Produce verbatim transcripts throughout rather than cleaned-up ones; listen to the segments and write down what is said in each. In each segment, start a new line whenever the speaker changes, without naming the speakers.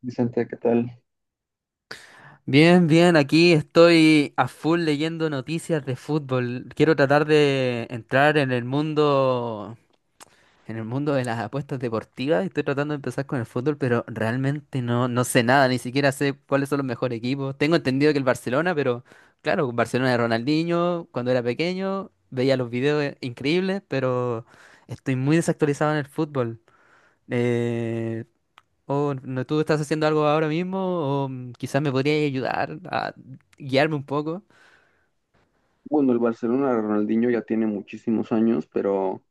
Vicente, ¿qué tal?
Bien, bien, aquí estoy a full leyendo noticias de fútbol. Quiero tratar de entrar en el mundo, en el mundo de las apuestas deportivas. Estoy tratando de empezar con el fútbol, pero realmente no, no sé nada, ni siquiera sé cuáles son los mejores equipos. Tengo entendido que el Barcelona, pero claro, Barcelona de Ronaldinho, cuando era pequeño, veía los videos eh, increíbles, pero estoy muy desactualizado en el fútbol. Eh, o no, ¿tú estás haciendo algo ahora mismo, o mm, quizás me podrías ayudar a guiarme un poco?
Bueno, el Barcelona de Ronaldinho ya tiene muchísimos años, pero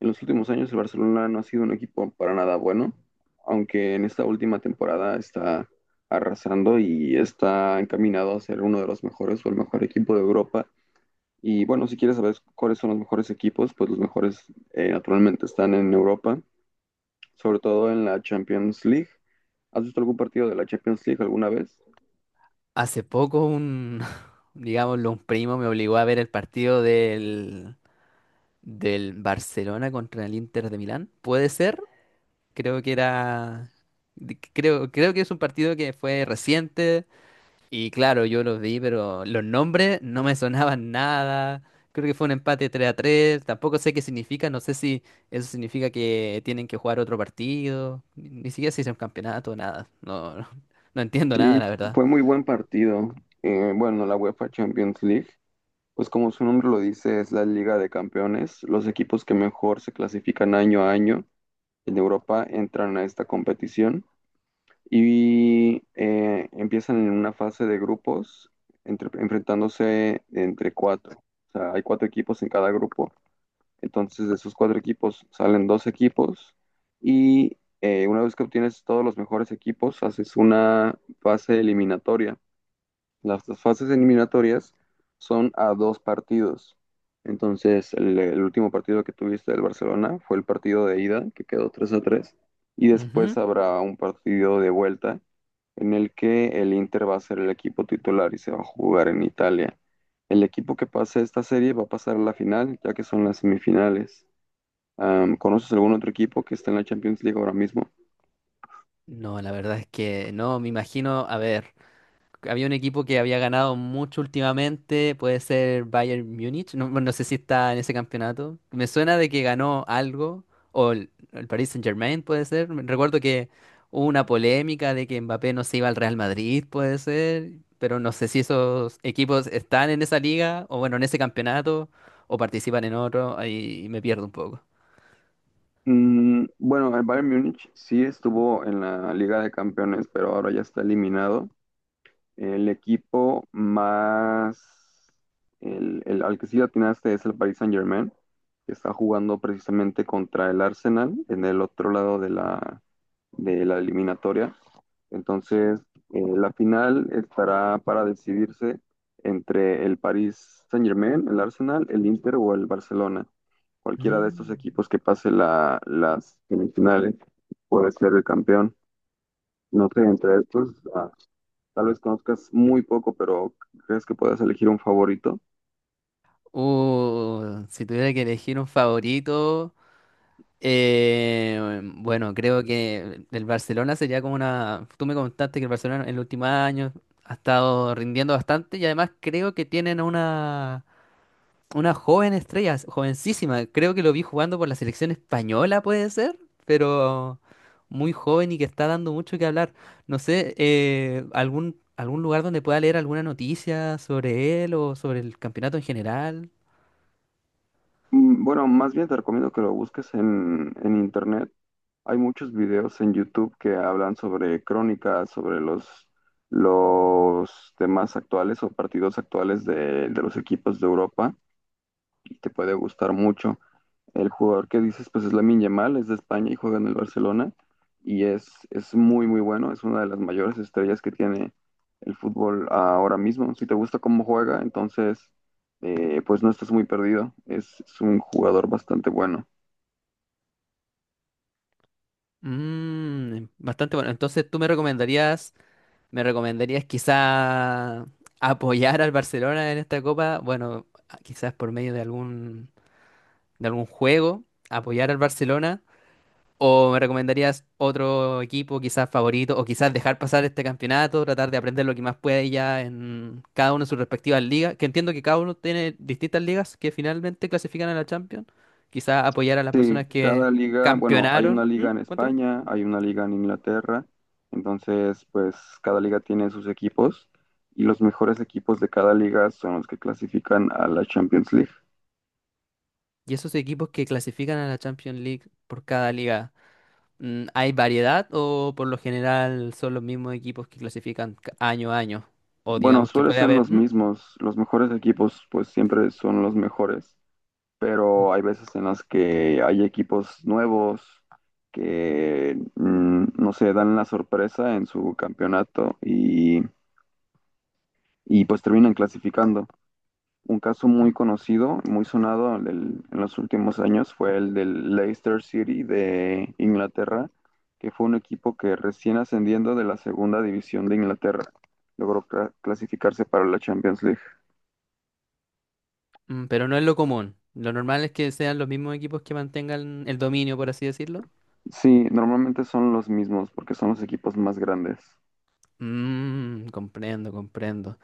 en los últimos años el Barcelona no ha sido un equipo para nada bueno, aunque en esta última temporada está arrasando y está encaminado a ser uno de los mejores o el mejor equipo de Europa. Y bueno, si quieres saber cuáles son los mejores equipos, pues los mejores eh, naturalmente están en Europa, sobre todo en la Champions League. ¿Has visto algún partido de la Champions League alguna vez?
Hace poco un, digámoslo, un primo me obligó a ver el partido del, del Barcelona contra el Inter de Milán. ¿Puede ser? Creo que era... de- Creo, creo que es un partido que fue reciente. Y claro, yo los vi, pero los nombres no me sonaban nada. Creo que fue un empate tres a tres. Tampoco sé qué significa. No sé si eso significa que tienen que jugar otro partido. Ni ni siquiera si es un campeonato, nada. No, no, no entiendo
Sí,
nada, la verdad.
fue muy buen partido. Eh, bueno, la UEFA Champions League pues como su nombre lo dice, es la Liga de Campeones. Los equipos que mejor se clasifican año a año en Europa entran a esta competición y eh, empiezan en una fase de grupos entre- enfrentándose entre cuatro. O sea, hay cuatro equipos en cada grupo. Entonces de esos cuatro equipos salen dos equipos y eh, una vez que obtienes todos los mejores equipos, haces una fase eliminatoria. Las las fases eliminatorias son a dos partidos. Entonces, el, el último partido que tuviste del Barcelona fue el partido de ida, que quedó tres a tres. Y después
Ujú.
habrá un partido de vuelta en el que el Inter va a ser el equipo titular y se va a jugar en Italia. El equipo que pase esta serie va a pasar a la final, ya que son las semifinales. Am, ¿conoces algún otro equipo que está en la Champions League ahora mismo?
No, la verdad es que no, me imagino, a ver. Había un equipo que había ganado mucho últimamente, puede ser Bayern Múnich, no, no sé si está en ese campeonato. Me suena de que ganó algo, o el, el Paris Saint-Germain puede ser. Me- Recuerdo que hubo una polémica de que Mbappé no se iba al Real Madrid, puede ser, pero no sé si esos equipos están en esa liga, o bueno, en ese campeonato, o participan en otro, ahí me pierdo un poco.
Mm, bueno, el Bayern Múnich sí estuvo en la Liga de Campeones, pero ahora ya está eliminado. El equipo más, el, el- al que sí le atinaste es el Paris Saint-Germain, que está jugando precisamente contra el Arsenal en el otro lado de la, de la eliminatoria. Entonces, eh, la final estará para decidirse entre el Paris Saint-Germain, el Arsenal, el Inter o el Barcelona. Cualquiera de estos
Mm.
equipos que pase la, las semifinales puede ser el campeón. No sé, entre estos, ah, tal vez conozcas muy poco, pero crees que puedas elegir un favorito.
Uh, si tuviera que elegir un favorito... Eh, bueno, creo que el Barcelona sería como una... Tú me contaste que el Barcelona en los últimos años ha estado rindiendo bastante, y además creo que tienen una, una, joven estrella, jovencísima. Creo que lo vi jugando por la selección española, puede ser, pero muy joven y que está dando mucho que hablar. No sé, eh, algún, algún lugar donde pueda leer alguna noticia sobre él o sobre el campeonato en general.
Mm, bueno, más bien te recomiendo que lo busques en, en internet. Hay muchos videos en YouTube que hablan sobre crónicas, sobre los, los temas actuales o partidos actuales de, de los equipos de Europa y te puede gustar mucho. El jugador que dices, pues es Lamine Yamal, es de España y juega en el Barcelona y es, es muy, muy bueno. Es una de las mayores estrellas que tiene el fútbol ahora mismo. Si te gusta cómo juega, entonces, eh, pues no estás muy perdido. Es, es un jugador bastante bueno.
Mm, bastante bueno. Entonces, ¿tú me recomendarías... me recomendarías quizá apoyar al Barcelona en esta copa? Bueno, quizás por medio de algún, de algún juego, apoyar al Barcelona. ¿O me recomendarías otro equipo quizás favorito? ¿O quizás dejar pasar este campeonato, tratar de aprender lo que más puede ya en cada uno de sus respectivas ligas? Que entiendo que cada uno tiene distintas ligas que finalmente clasifican a la Champions. Quizás apoyar a las
Sí,
personas que
cada liga, bueno, hay una
campeonaron. ¿Mm?
liga en
Cuéntame.
España, hay una liga en Inglaterra, entonces, pues cada liga tiene sus equipos y los mejores equipos de cada liga son los que clasifican a la Champions League.
Y esos equipos que clasifican a la Champions League por cada liga. Mm, ¿Hay variedad o por lo general son los mismos equipos que clasifican ca- año a año? O
Bueno,
digamos que
suele
puede
ser
haber,
los
¿mm?
mismos. Los mejores equipos, pues siempre son los mejores, pero hay veces en las que hay equipos nuevos que, mm, no sé, dan la sorpresa en su campeonato y, y, pues terminan clasificando. Un caso muy conocido, muy sonado en el- en los últimos años fue el del Leicester City de Inglaterra, que fue un equipo que recién ascendiendo de la segunda división de Inglaterra logró cla- clasificarse para la Champions League.
Mm, pero no es lo común. Lo normal es que sean los mismos equipos que mantengan el dominio, por así decirlo.
Sí, normalmente son los mismos porque son los equipos más grandes.
Mm, comprendo, comprendo.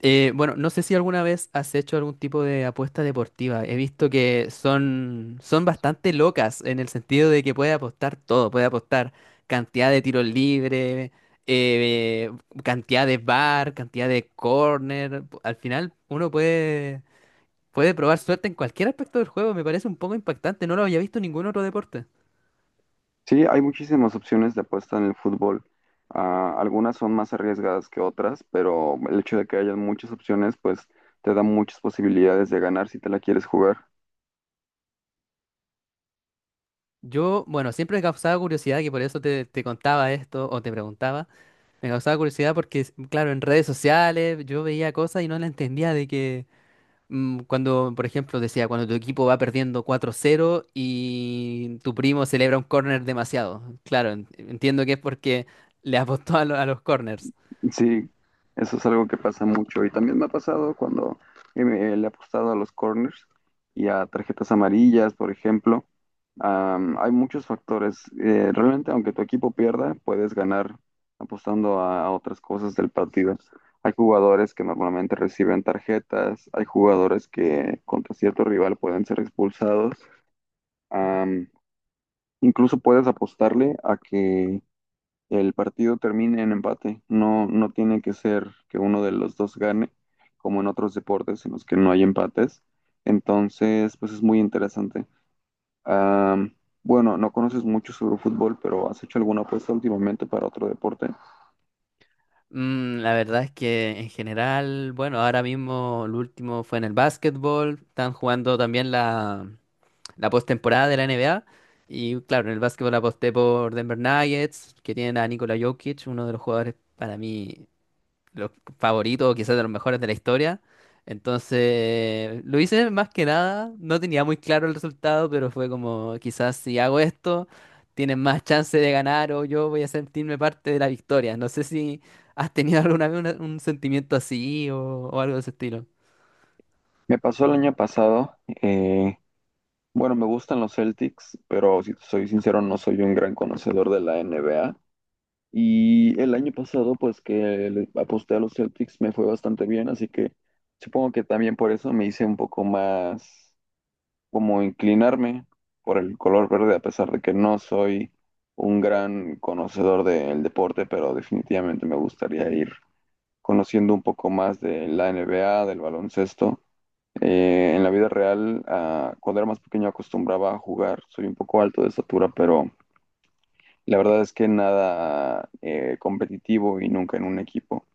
Eh, bueno, no sé si alguna vez has hecho algún tipo de apuesta deportiva. He visto que son, son, bastante locas, en el sentido de que puede apostar todo, puede apostar cantidad de tiros libres, eh, cantidad de bar, cantidad de corner. Pu- Al final uno puede, puede probar suerte en cualquier aspecto del juego. Me parece un poco impactante, no lo había visto en ningún otro deporte.
Sí, hay muchísimas opciones de apuesta en el fútbol. Ah, algunas son más arriesgadas que otras, pero el hecho de que haya muchas opciones, pues te da muchas posibilidades de ganar si te la quieres jugar.
Yo, bueno, siempre he causado curiosidad, que por eso te, te contaba esto o te preguntaba. Me causaba curiosidad porque, claro, en redes sociales yo veía cosas y no la entendía, de que mm, cuando, por ejemplo, decía: cuando tu equipo va perdiendo cuatro cero y tu primo celebra un corner demasiado. Claro, en- entiendo que es porque le apostó a, lo- a los corners.
Sí, eso es algo que pasa mucho y también me ha pasado cuando eh, me- le he apostado a los corners y a tarjetas amarillas, por ejemplo. Am, hay muchos factores. Eh, realmente, aunque tu equipo pierda, puedes ganar apostando a, a otras cosas del partido. Hay jugadores que normalmente reciben tarjetas, hay jugadores que contra cierto rival pueden ser expulsados. Am, incluso puedes apostarle a que el partido termine en empate. No, no tiene que ser que uno de los dos gane, como en otros deportes en los que no hay empates. Entonces, pues es muy interesante. Am, bueno, no conoces mucho sobre fútbol, pero ¿has hecho alguna apuesta últimamente para otro deporte?
Mm, la verdad es que en general, bueno, ahora mismo el último fue en el básquetbol. Están jugando también la, la postemporada de la N B A y claro, en el básquetbol aposté por Denver Nuggets, que tienen a Nikola Jokic, uno de los jugadores para mí los favoritos, quizás de los mejores de la historia. Entonces, lo hice más que nada, no tenía muy claro el resultado, pero fue como, quizás si hago esto, tienen más chance de ganar o yo voy a sentirme parte de la victoria. No sé si has tenido alguna vez una- un sentimiento así o, o algo de ese estilo.
Me pasó el año pasado. eh, bueno, me gustan los Celtics, pero si te soy sincero, no soy un gran conocedor de la N B A. Y el año pasado, pues que le aposté a los Celtics, me fue bastante bien, así que supongo que también por eso me hice un poco más como inclinarme por el color verde, a pesar de que no soy un gran conocedor del deporte, pero definitivamente me gustaría ir conociendo un poco más de la N B A, del baloncesto. Eh, en la vida real, ah, cuando era más pequeño acostumbraba a jugar, soy un poco alto de estatura, pero... La verdad es que nada eh, competitivo y nunca en un equipo.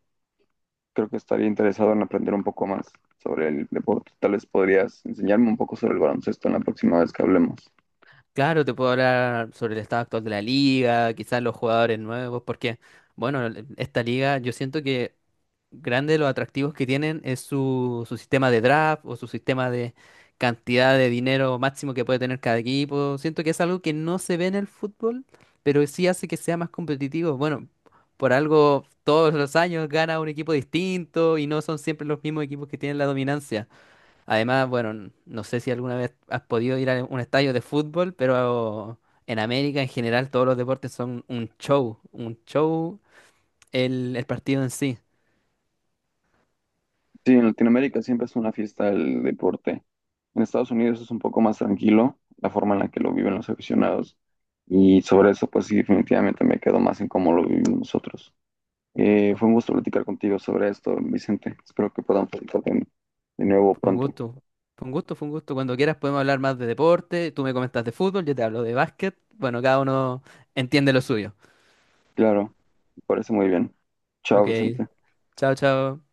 Creo que estaría interesado en aprender un poco más sobre el deporte. Tal vez podrías enseñarme un poco sobre el baloncesto en la próxima vez que hablemos.
Claro, te puedo hablar sobre el estado actual de la liga, quizás los jugadores nuevos, porque, bueno, l- esta liga yo siento que grande de los atractivos que tienen es su, su sistema de draft, o su sistema de cantidad de dinero máximo que puede tener cada equipo. Siento que es algo que no se ve en el fútbol, pero sí hace que sea más competitivo. Bueno, por algo todos los años gana un equipo distinto y no son siempre los mismos equipos que tienen la dominancia. Además, bueno, no sé si alguna vez has podido ir a un estadio de fútbol, pero en América en general todos los deportes son un show, un show el, el partido en sí.
Sí, en Latinoamérica siempre es una fiesta el deporte. En Estados Unidos es un poco más tranquilo la forma en la que lo viven los aficionados. Y sobre eso, pues sí, definitivamente me quedo más en cómo lo vivimos nosotros. Eh,
Com-
fue un gusto platicar contigo sobre esto, Vicente. Espero que podamos platicar de de nuevo
Fue un
pronto.
gusto, fue un gusto, fue un gusto. Cuando quieras podemos hablar más de deporte, tú me comentas de fútbol, yo te hablo de básquet. Bueno, cada uno entiende lo suyo.
Claro, me parece muy bien. Chao,
Ok,
Vicente.
chao, chao.